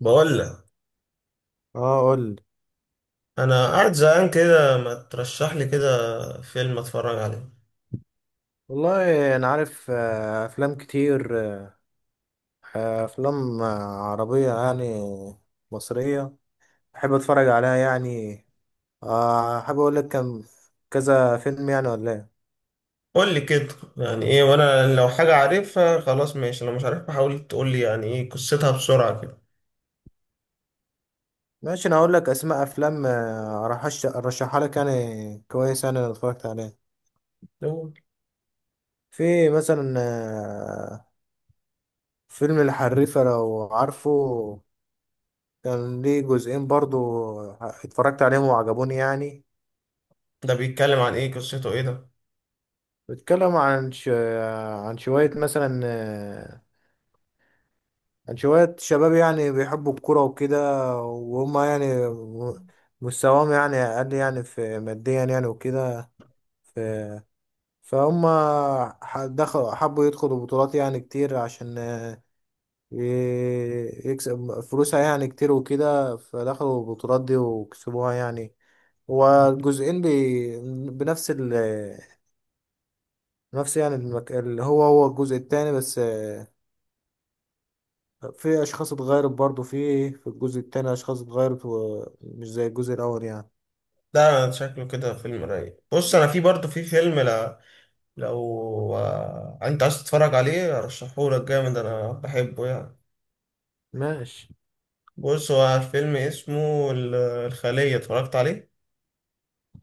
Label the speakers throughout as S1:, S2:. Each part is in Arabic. S1: بقول لك،
S2: اه قول.
S1: انا قاعد زهقان كده. ما ترشح لي كده فيلم اتفرج عليه.
S2: والله انا عارف، افلام كتير. آه، افلام آه، عربيه يعني، مصريه. بحب اتفرج عليها يعني. حابب اقول لك كذا فيلم يعني، ولا ايه؟
S1: قول لي كده، يعني ايه. وانا لو حاجه عارفها خلاص ماشي، لو مش عارفها حاول تقول لي يعني ايه قصتها بسرعه كده.
S2: ماشي، انا هقول لك اسماء افلام، ارشحها لك يعني، كويس يعني، انا اتفرجت عليها.
S1: لو
S2: في مثلا فيلم الحريفه، لو عارفه. كان ليه جزئين برضو. اتفرجت عليهم وعجبوني يعني.
S1: ده بيتكلم عن ايه؟ قصته ايه ده؟
S2: بيتكلم عن شوية مثلا، عن شوية شباب يعني بيحبوا الكرة وكده. وهم يعني مستواهم يعني أقل يعني في ماديا يعني وكده. ف... فهم حبوا يدخلوا بطولات يعني كتير، عشان يكسب فلوسها يعني كتير وكده، فدخلوا البطولات دي وكسبوها يعني. والجزئين بنفس ال... نفس يعني المك... اللي هو الجزء التاني، بس في اشخاص اتغيرت برضو. في إيه؟ في الجزء التاني اشخاص اتغيرت ومش زي الجزء الاول يعني.
S1: ده شكله كده فيلم رايق. بص انا في برضه في فيلم، لا لو انت عايز تتفرج عليه ارشحه لك جامد، انا بحبه يعني.
S2: ماشي.
S1: بص هو الفيلم اسمه الخلية، اتفرجت عليه؟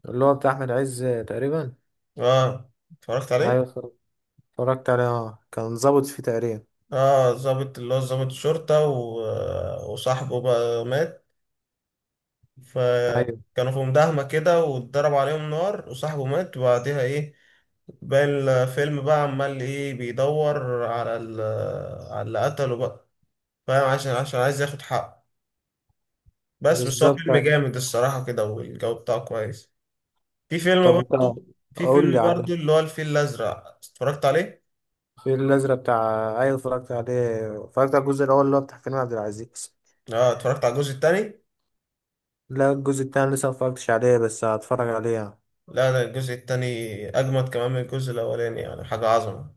S2: اللي هو بتاع احمد عز تقريبا.
S1: اه، اتفرجت عليه.
S2: ايوه، اتفرجت عليه، اه، كان ظابط فيه تقريبا.
S1: اه ظابط، اللي هو ظابط شرطة وصاحبه بقى مات.
S2: ايوه،
S1: فكانوا في مداهمة كده واتضرب عليهم نار وصاحبه مات، وبعديها ايه باقي الفيلم بقى عمال ايه؟ بيدور على على اللي قتله بقى، فاهم؟ عشان عايز ياخد حقه. بس هو
S2: بالظبط،
S1: فيلم
S2: أيوة.
S1: جامد الصراحة كده، والجو بتاعه كويس. في فيلم
S2: طب انت،
S1: برضه، في
S2: قول
S1: فيلم
S2: لي على
S1: برضه اللي هو الفيل الأزرق، اتفرجت عليه؟
S2: الفيل الازرق بتاع، ايوه اتفرجت عليه، اتفرجت على الجزء الاول اللي هو بتاع كريم عبد العزيز.
S1: اه، اتفرجت على الجزء التاني.
S2: لا، الجزء التاني لسه متفرجتش عليه، بس هتفرج عليه يعني.
S1: لا، ده الجزء التاني أجمد كمان من الجزء الأولاني، يعني حاجة عظمة.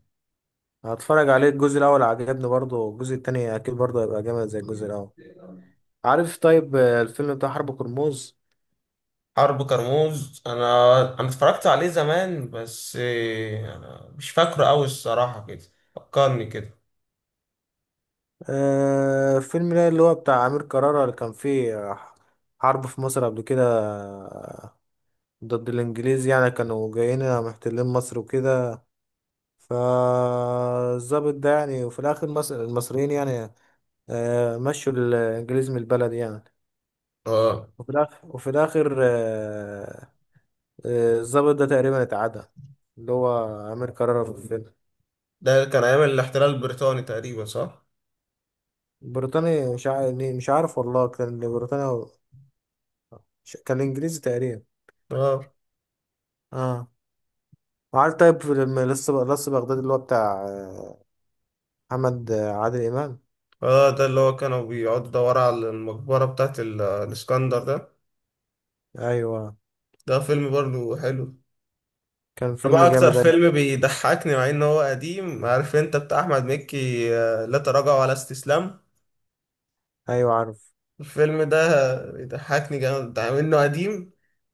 S2: هتفرج عليه. الجزء الاول عجبني برضه، الجزء التاني اكيد برضه هيبقى جامد زي الجزء الاول. عارف؟ طيب، الفيلم بتاع حرب كرموز.
S1: حرب كرموز، أنا اتفرجت عليه زمان بس إيه، أنا مش فاكره أوي الصراحة كده. فكرني كده.
S2: فيلم ده اللي هو بتاع أمير كرارة، اللي كان فيه حرب في مصر قبل كده ضد الإنجليز يعني. كانوا جايين محتلين مصر وكده. فالظابط ده يعني، وفي الآخر مصر المصريين يعني، آه، مشوا الإنجليز من البلد يعني.
S1: اه
S2: وفي الآخر، الظابط ده تقريبا اتعدى، اللي هو أمير كرارة في الفيلم.
S1: ده كان أيام الاحتلال البريطاني تقريبا صح؟
S2: بريطاني، مش عارف، مش عارف والله، كان بريطاني كان إنجليزي تقريبا.
S1: اه.
S2: اه. عارف؟ طيب لما، لسه بغداد اللي هو بتاع آه، محمد آه، عادل إمام.
S1: اه ده اللي هو كانوا بيقعدوا يدوروا على المقبرة بتاعت الإسكندر ده.
S2: أيوة،
S1: ده فيلم برضه حلو.
S2: كان فيلم
S1: بقى أكتر
S2: جامد
S1: فيلم
S2: أوي.
S1: بيضحكني، مع إن هو قديم، عارف أنت، بتاع أحمد مكي لا تراجع ولا استسلام.
S2: أيوة، عارف.
S1: الفيلم ده بيضحكني جامد، ده منه قديم،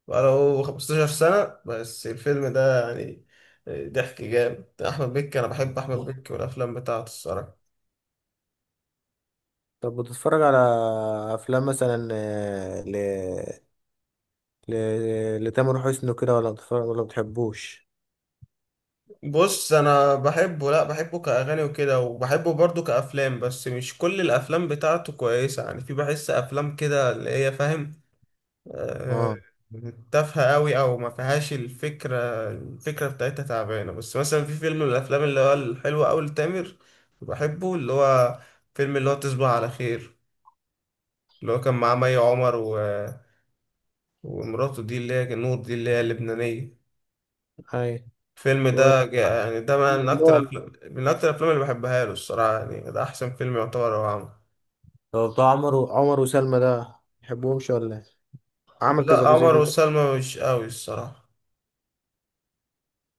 S1: بقاله 15 سنة بس الفيلم ده يعني. ضحك جامد أحمد مكي. أنا بحب أحمد مكي والأفلام بتاعته الصراحة.
S2: طب بتتفرج على أفلام مثلا آه، ل ل لتامر حسني كده، ولا بتتفرج، ولا بتحبوش؟
S1: بص أنا بحبه، لأ بحبه كأغاني وكده، وبحبه برضه كأفلام، بس مش كل الأفلام بتاعته كويسة. يعني في بحس أفلام كده اللي هي، فاهم، آه،
S2: اه.
S1: تافهة قوي او ما فيهاش الفكرة. الفكرة بتاعتها تعبانة. بس مثلا في فيلم من الافلام اللي هو الحلوة قوي لتامر، بحبه، اللي هو فيلم اللي هو تصبح على خير، اللي هو كان معاه مي عمر ومراته دي اللي هي نور دي اللي هي اللبنانية.
S2: أي.
S1: الفيلم
S2: و-
S1: ده يعني ده من اكتر
S2: والله.
S1: من اكتر الافلام اللي بحبها له الصراحة. يعني ده احسن فيلم يعتبر هو عمل.
S2: طب بتاع عمر وسلمى ده بتحبهمش، ولا إيه؟ عمل كذا
S1: لا،
S2: جزء
S1: عمر
S2: دي.
S1: وسلمى مش قوي الصراحة،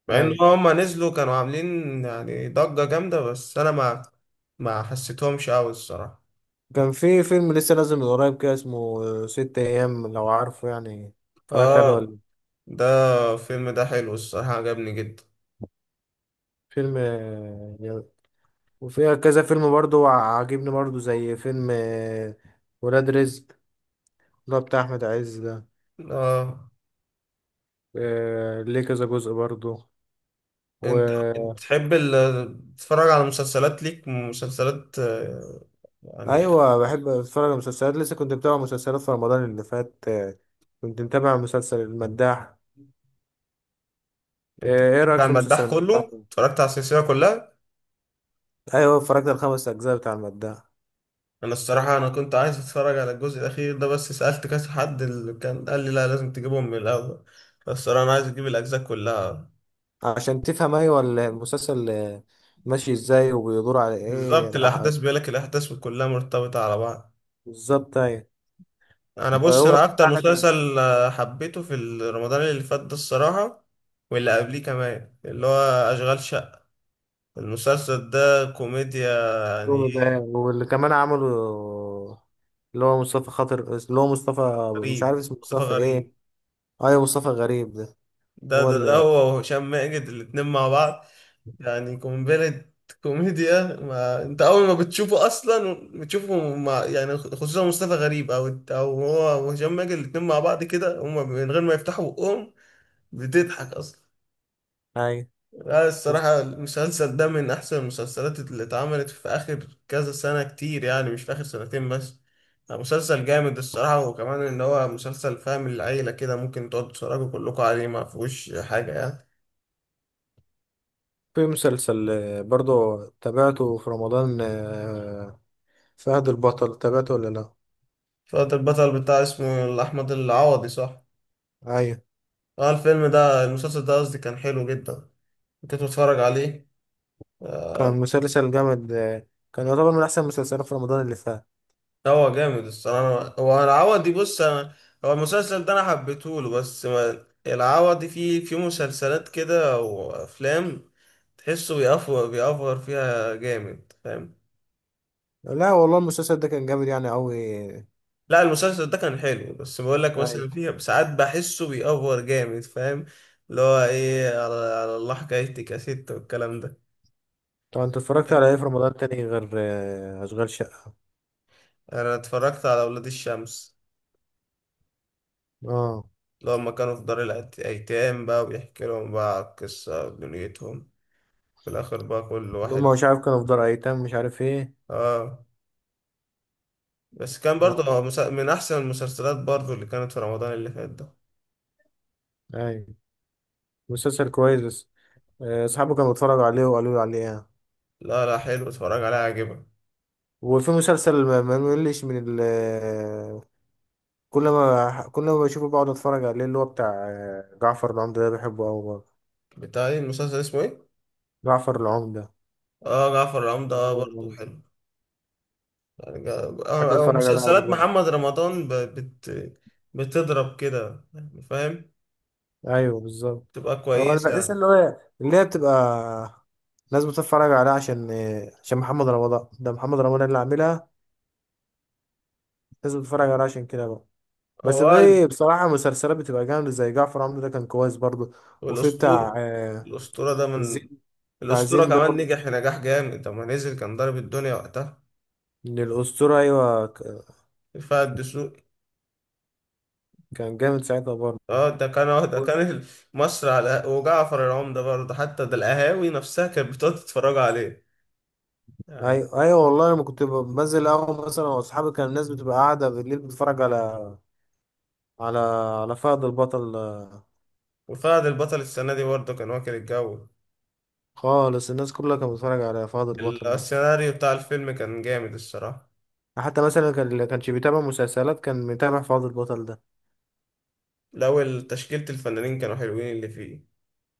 S1: مع ان
S2: أي.
S1: هما نزلوا كانوا عاملين يعني ضجة جامدة، بس انا ما حسيتهمش قوي الصراحة.
S2: كان في فيلم لسه نازل من قريب كده، اسمه ست أيام، لو عارفه يعني. اتفرجت عليه
S1: اه
S2: ولا؟
S1: ده الفيلم ده حلو الصراحة، عجبني جدا.
S2: فيلم آه، وفيها كذا فيلم برضو عاجبني برضو، زي فيلم ولاد رزق، اللي هو بتاع أحمد عز ده.
S1: اه
S2: ليه كذا جزء برضو.
S1: انت
S2: و
S1: بتحب تتفرج على مسلسلات؟ ليك مسلسلات يعني؟
S2: أيوة، بحب أتفرج على مسلسلات. لسه كنت متابع مسلسلات في رمضان اللي فات. كنت متابع مسلسل المداح. إيه رأيك
S1: بتاع
S2: في مسلسل
S1: المداح،
S2: المداح؟
S1: كله اتفرجت على السلسلة كلها.
S2: أيوة، اتفرجت على الخمس أجزاء بتاع المداح.
S1: انا الصراحة انا كنت عايز اتفرج على الجزء الاخير ده، بس سألت كذا حد اللي كان قال لي لا لازم تجيبهم من الاول، بس الصراحة انا عايز اجيب الاجزاء كلها.
S2: عشان تفهم، أيوة، ال- المسلسل ماشي إزاي، وبيدور على إيه.
S1: بالظبط، الأحداث بيقول لك الأحداث كلها مرتبطة على بعض.
S2: بالظبط، أيوة.
S1: أنا بص،
S2: هو
S1: أنا أكتر
S2: بتاعنا كان
S1: مسلسل حبيته في رمضان اللي فات ده الصراحة، واللي قبليه كمان، اللي هو أشغال شقة. المسلسل ده كوميديا يعني.
S2: دومي ده، واللي كمان عملوا اللي هو مصطفى خاطر، اللي هو مش عارف
S1: غريب،
S2: اسمه
S1: مصطفى
S2: مصطفى ايه.
S1: غريب
S2: ايوه مصطفى غريب ده.
S1: ده،
S2: هو
S1: ده
S2: اللي،
S1: هو وهشام ماجد الاتنين مع بعض يعني قنبلة. كوميديا، ما أنت أول ما بتشوفه أصلا بتشوفه مع يعني، خصوصا مصطفى غريب، أو هو وهشام ماجد الاتنين مع بعض كده، هما من غير ما يفتحوا بقهم بتضحك اصلا.
S2: ايوه.
S1: لا
S2: وفي
S1: الصراحة المسلسل ده من احسن المسلسلات اللي اتعملت في اخر كذا سنة كتير، يعني مش في اخر سنتين بس. لا، مسلسل جامد الصراحة، وكمان ان هو مسلسل فاهم العيلة كده، ممكن تقعدوا تتفرجوا كلكم عليه، ما فيهوش حاجة يعني.
S2: مسلسل برضو تابعته في رمضان. فهد البطل، تابعته ولا لا؟
S1: فقط البطل، بتاع اسمه احمد العوضي صح؟
S2: ايوه،
S1: اه الفيلم ده، المسلسل ده قصدي، كان حلو جدا. كنت بتفرج عليه
S2: كان
S1: آه،
S2: مسلسل جامد. كان يعتبر من احسن المسلسلات في رمضان اللي فات.
S1: هو جامد الصراحة. هو العوضي، بص أنا، هو المسلسل ده أنا حبيته له، بس ما العوضي فيه في مسلسلات كده وأفلام تحسه بيأفور فيها جامد، فاهم؟
S2: لا والله، المسلسل ده كان جامد يعني قوي.
S1: لا المسلسل ده كان حلو، بس بقول لك مثلا
S2: ايوه.
S1: فيه ساعات بحسه بيأفور جامد، فاهم؟ اللي هو إيه، على الله حكايتك يا ست والكلام ده.
S2: طب انت اتفرجت على ايه في رمضان تاني غير اشغال شقة؟
S1: أنا اتفرجت على أولاد الشمس،
S2: اه.
S1: اللي هما كانوا في دار الأيتام بقى، وبيحكي لهم بقى قصة دنيتهم في الآخر بقى كل
S2: اللي
S1: واحد.
S2: هم مش عارف كانوا في دار ايتام مش عارف ايه.
S1: اه بس كان برضه
S2: اه.
S1: هو من احسن المسلسلات برضه اللي كانت في رمضان اللي فات ده.
S2: ايوه، مسلسل كويس، بس اصحابه كانوا بيتفرجوا عليه وقالوا لي عليه يعني.
S1: لا لا حلو، اتفرج عليها عجبك.
S2: وفي مسلسل ما ملش من ال آه، كل ما بشوفه بقعد اتفرج عليه، اللي هو بتاع جعفر العمدة ده، بحبه قوي برضه.
S1: بتاع ايه المسلسل، اسمه ايه؟
S2: جعفر العمدة.
S1: اه جعفر العمدة، اه
S2: جعفر
S1: برضه
S2: العمدة.
S1: حلو. يعني
S2: بحب اتفرج عليه قوي
S1: مسلسلات
S2: برضه.
S1: محمد رمضان بتضرب كده يعني، فاهم؟
S2: ايوه، بالظبط.
S1: تبقى
S2: هو انا بحس
S1: كويسة.
S2: اللي هو، اللي هي بتبقى لازم تتفرج عليها عشان، عشان محمد رمضان ده، محمد رمضان اللي عاملها، لازم تتفرج عليها عشان كده. بس
S1: هو قال
S2: في بصراحة مسلسلات بتبقى جامدة، زي جعفر عمده ده، كان كويس برضو. وفي بتاع
S1: والأسطورة. الأسطورة ده من،
S2: زين. بتاع
S1: الأسطورة
S2: زين ده
S1: كمان
S2: برضو،
S1: نجح نجاح جامد لما نزل، كان ضارب الدنيا وقتها.
S2: من الأسطورة، أيوة.
S1: رفاعي الدسوقي.
S2: كان جامد ساعتها برضو.
S1: اه ده كان اه ده كان ال- مصر على وجعفر العمدة برضه، حتى ده القهاوي نفسها كانت بتقعد تتفرج عليه يعني.
S2: أيوة أيوة، والله لما كنت بنزل قهوة مثلا وأصحابي، كان الناس بتبقى قاعدة بالليل بتتفرج على، على على فهد البطل.
S1: وفهد البطل السنة دي برضه كان واكل الجو.
S2: خالص، الناس كلها كانت بتتفرج على فهد البطل ده.
S1: السيناريو بتاع الفيلم كان جامد الصراحة.
S2: حتى مثلا كان اللي كانش بيتابع مسلسلات كان متابع فهد البطل ده.
S1: لو تشكيلة الفنانين كانوا حلوين اللي فيه.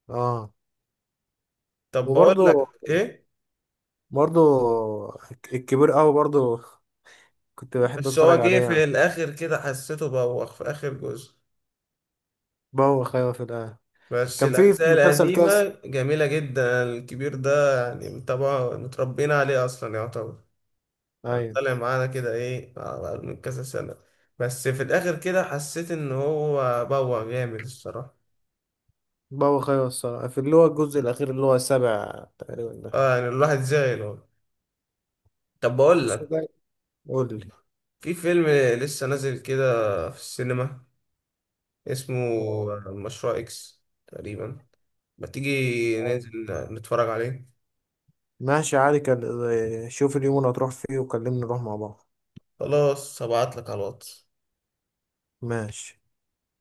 S2: اه.
S1: طب بقول
S2: وبرضو
S1: لك ايه،
S2: برضو الكبير قوي برضو كنت بحب
S1: بس هو
S2: اتفرج
S1: جه
S2: عليها.
S1: في الاخر كده حسيته بوخ في اخر جزء.
S2: بوخ، ايوه في الآخر.
S1: بس
S2: كان في
S1: الاجزاء
S2: مسلسل
S1: القديمة
S2: كاس.
S1: جميلة جدا الكبير ده، يعني طبعا متربيين عليه اصلا يعتبر.
S2: ايوه،
S1: طلع معانا كده ايه بعد من كذا سنة، بس في الآخر كده حسيت إن هو بوع جامد الصراحة.
S2: بوخ، ايوه الصراحة، في اللي هو الجزء الأخير، اللي هو السابع تقريبا ده.
S1: اه يعني الواحد زعل والله. طب بقول
S2: بس
S1: لك،
S2: ده، قول لي.
S1: في فيلم لسه نازل كده في السينما، اسمه
S2: آه،
S1: مشروع إكس تقريبا. ما تيجي
S2: أيوة.
S1: ننزل نتفرج عليه؟
S2: ماشي، عادي. كان شوف اليوم اللي هتروح فيه وكلمني نروح مع بعض.
S1: خلاص هبعتلك على الواتس.
S2: ماشي.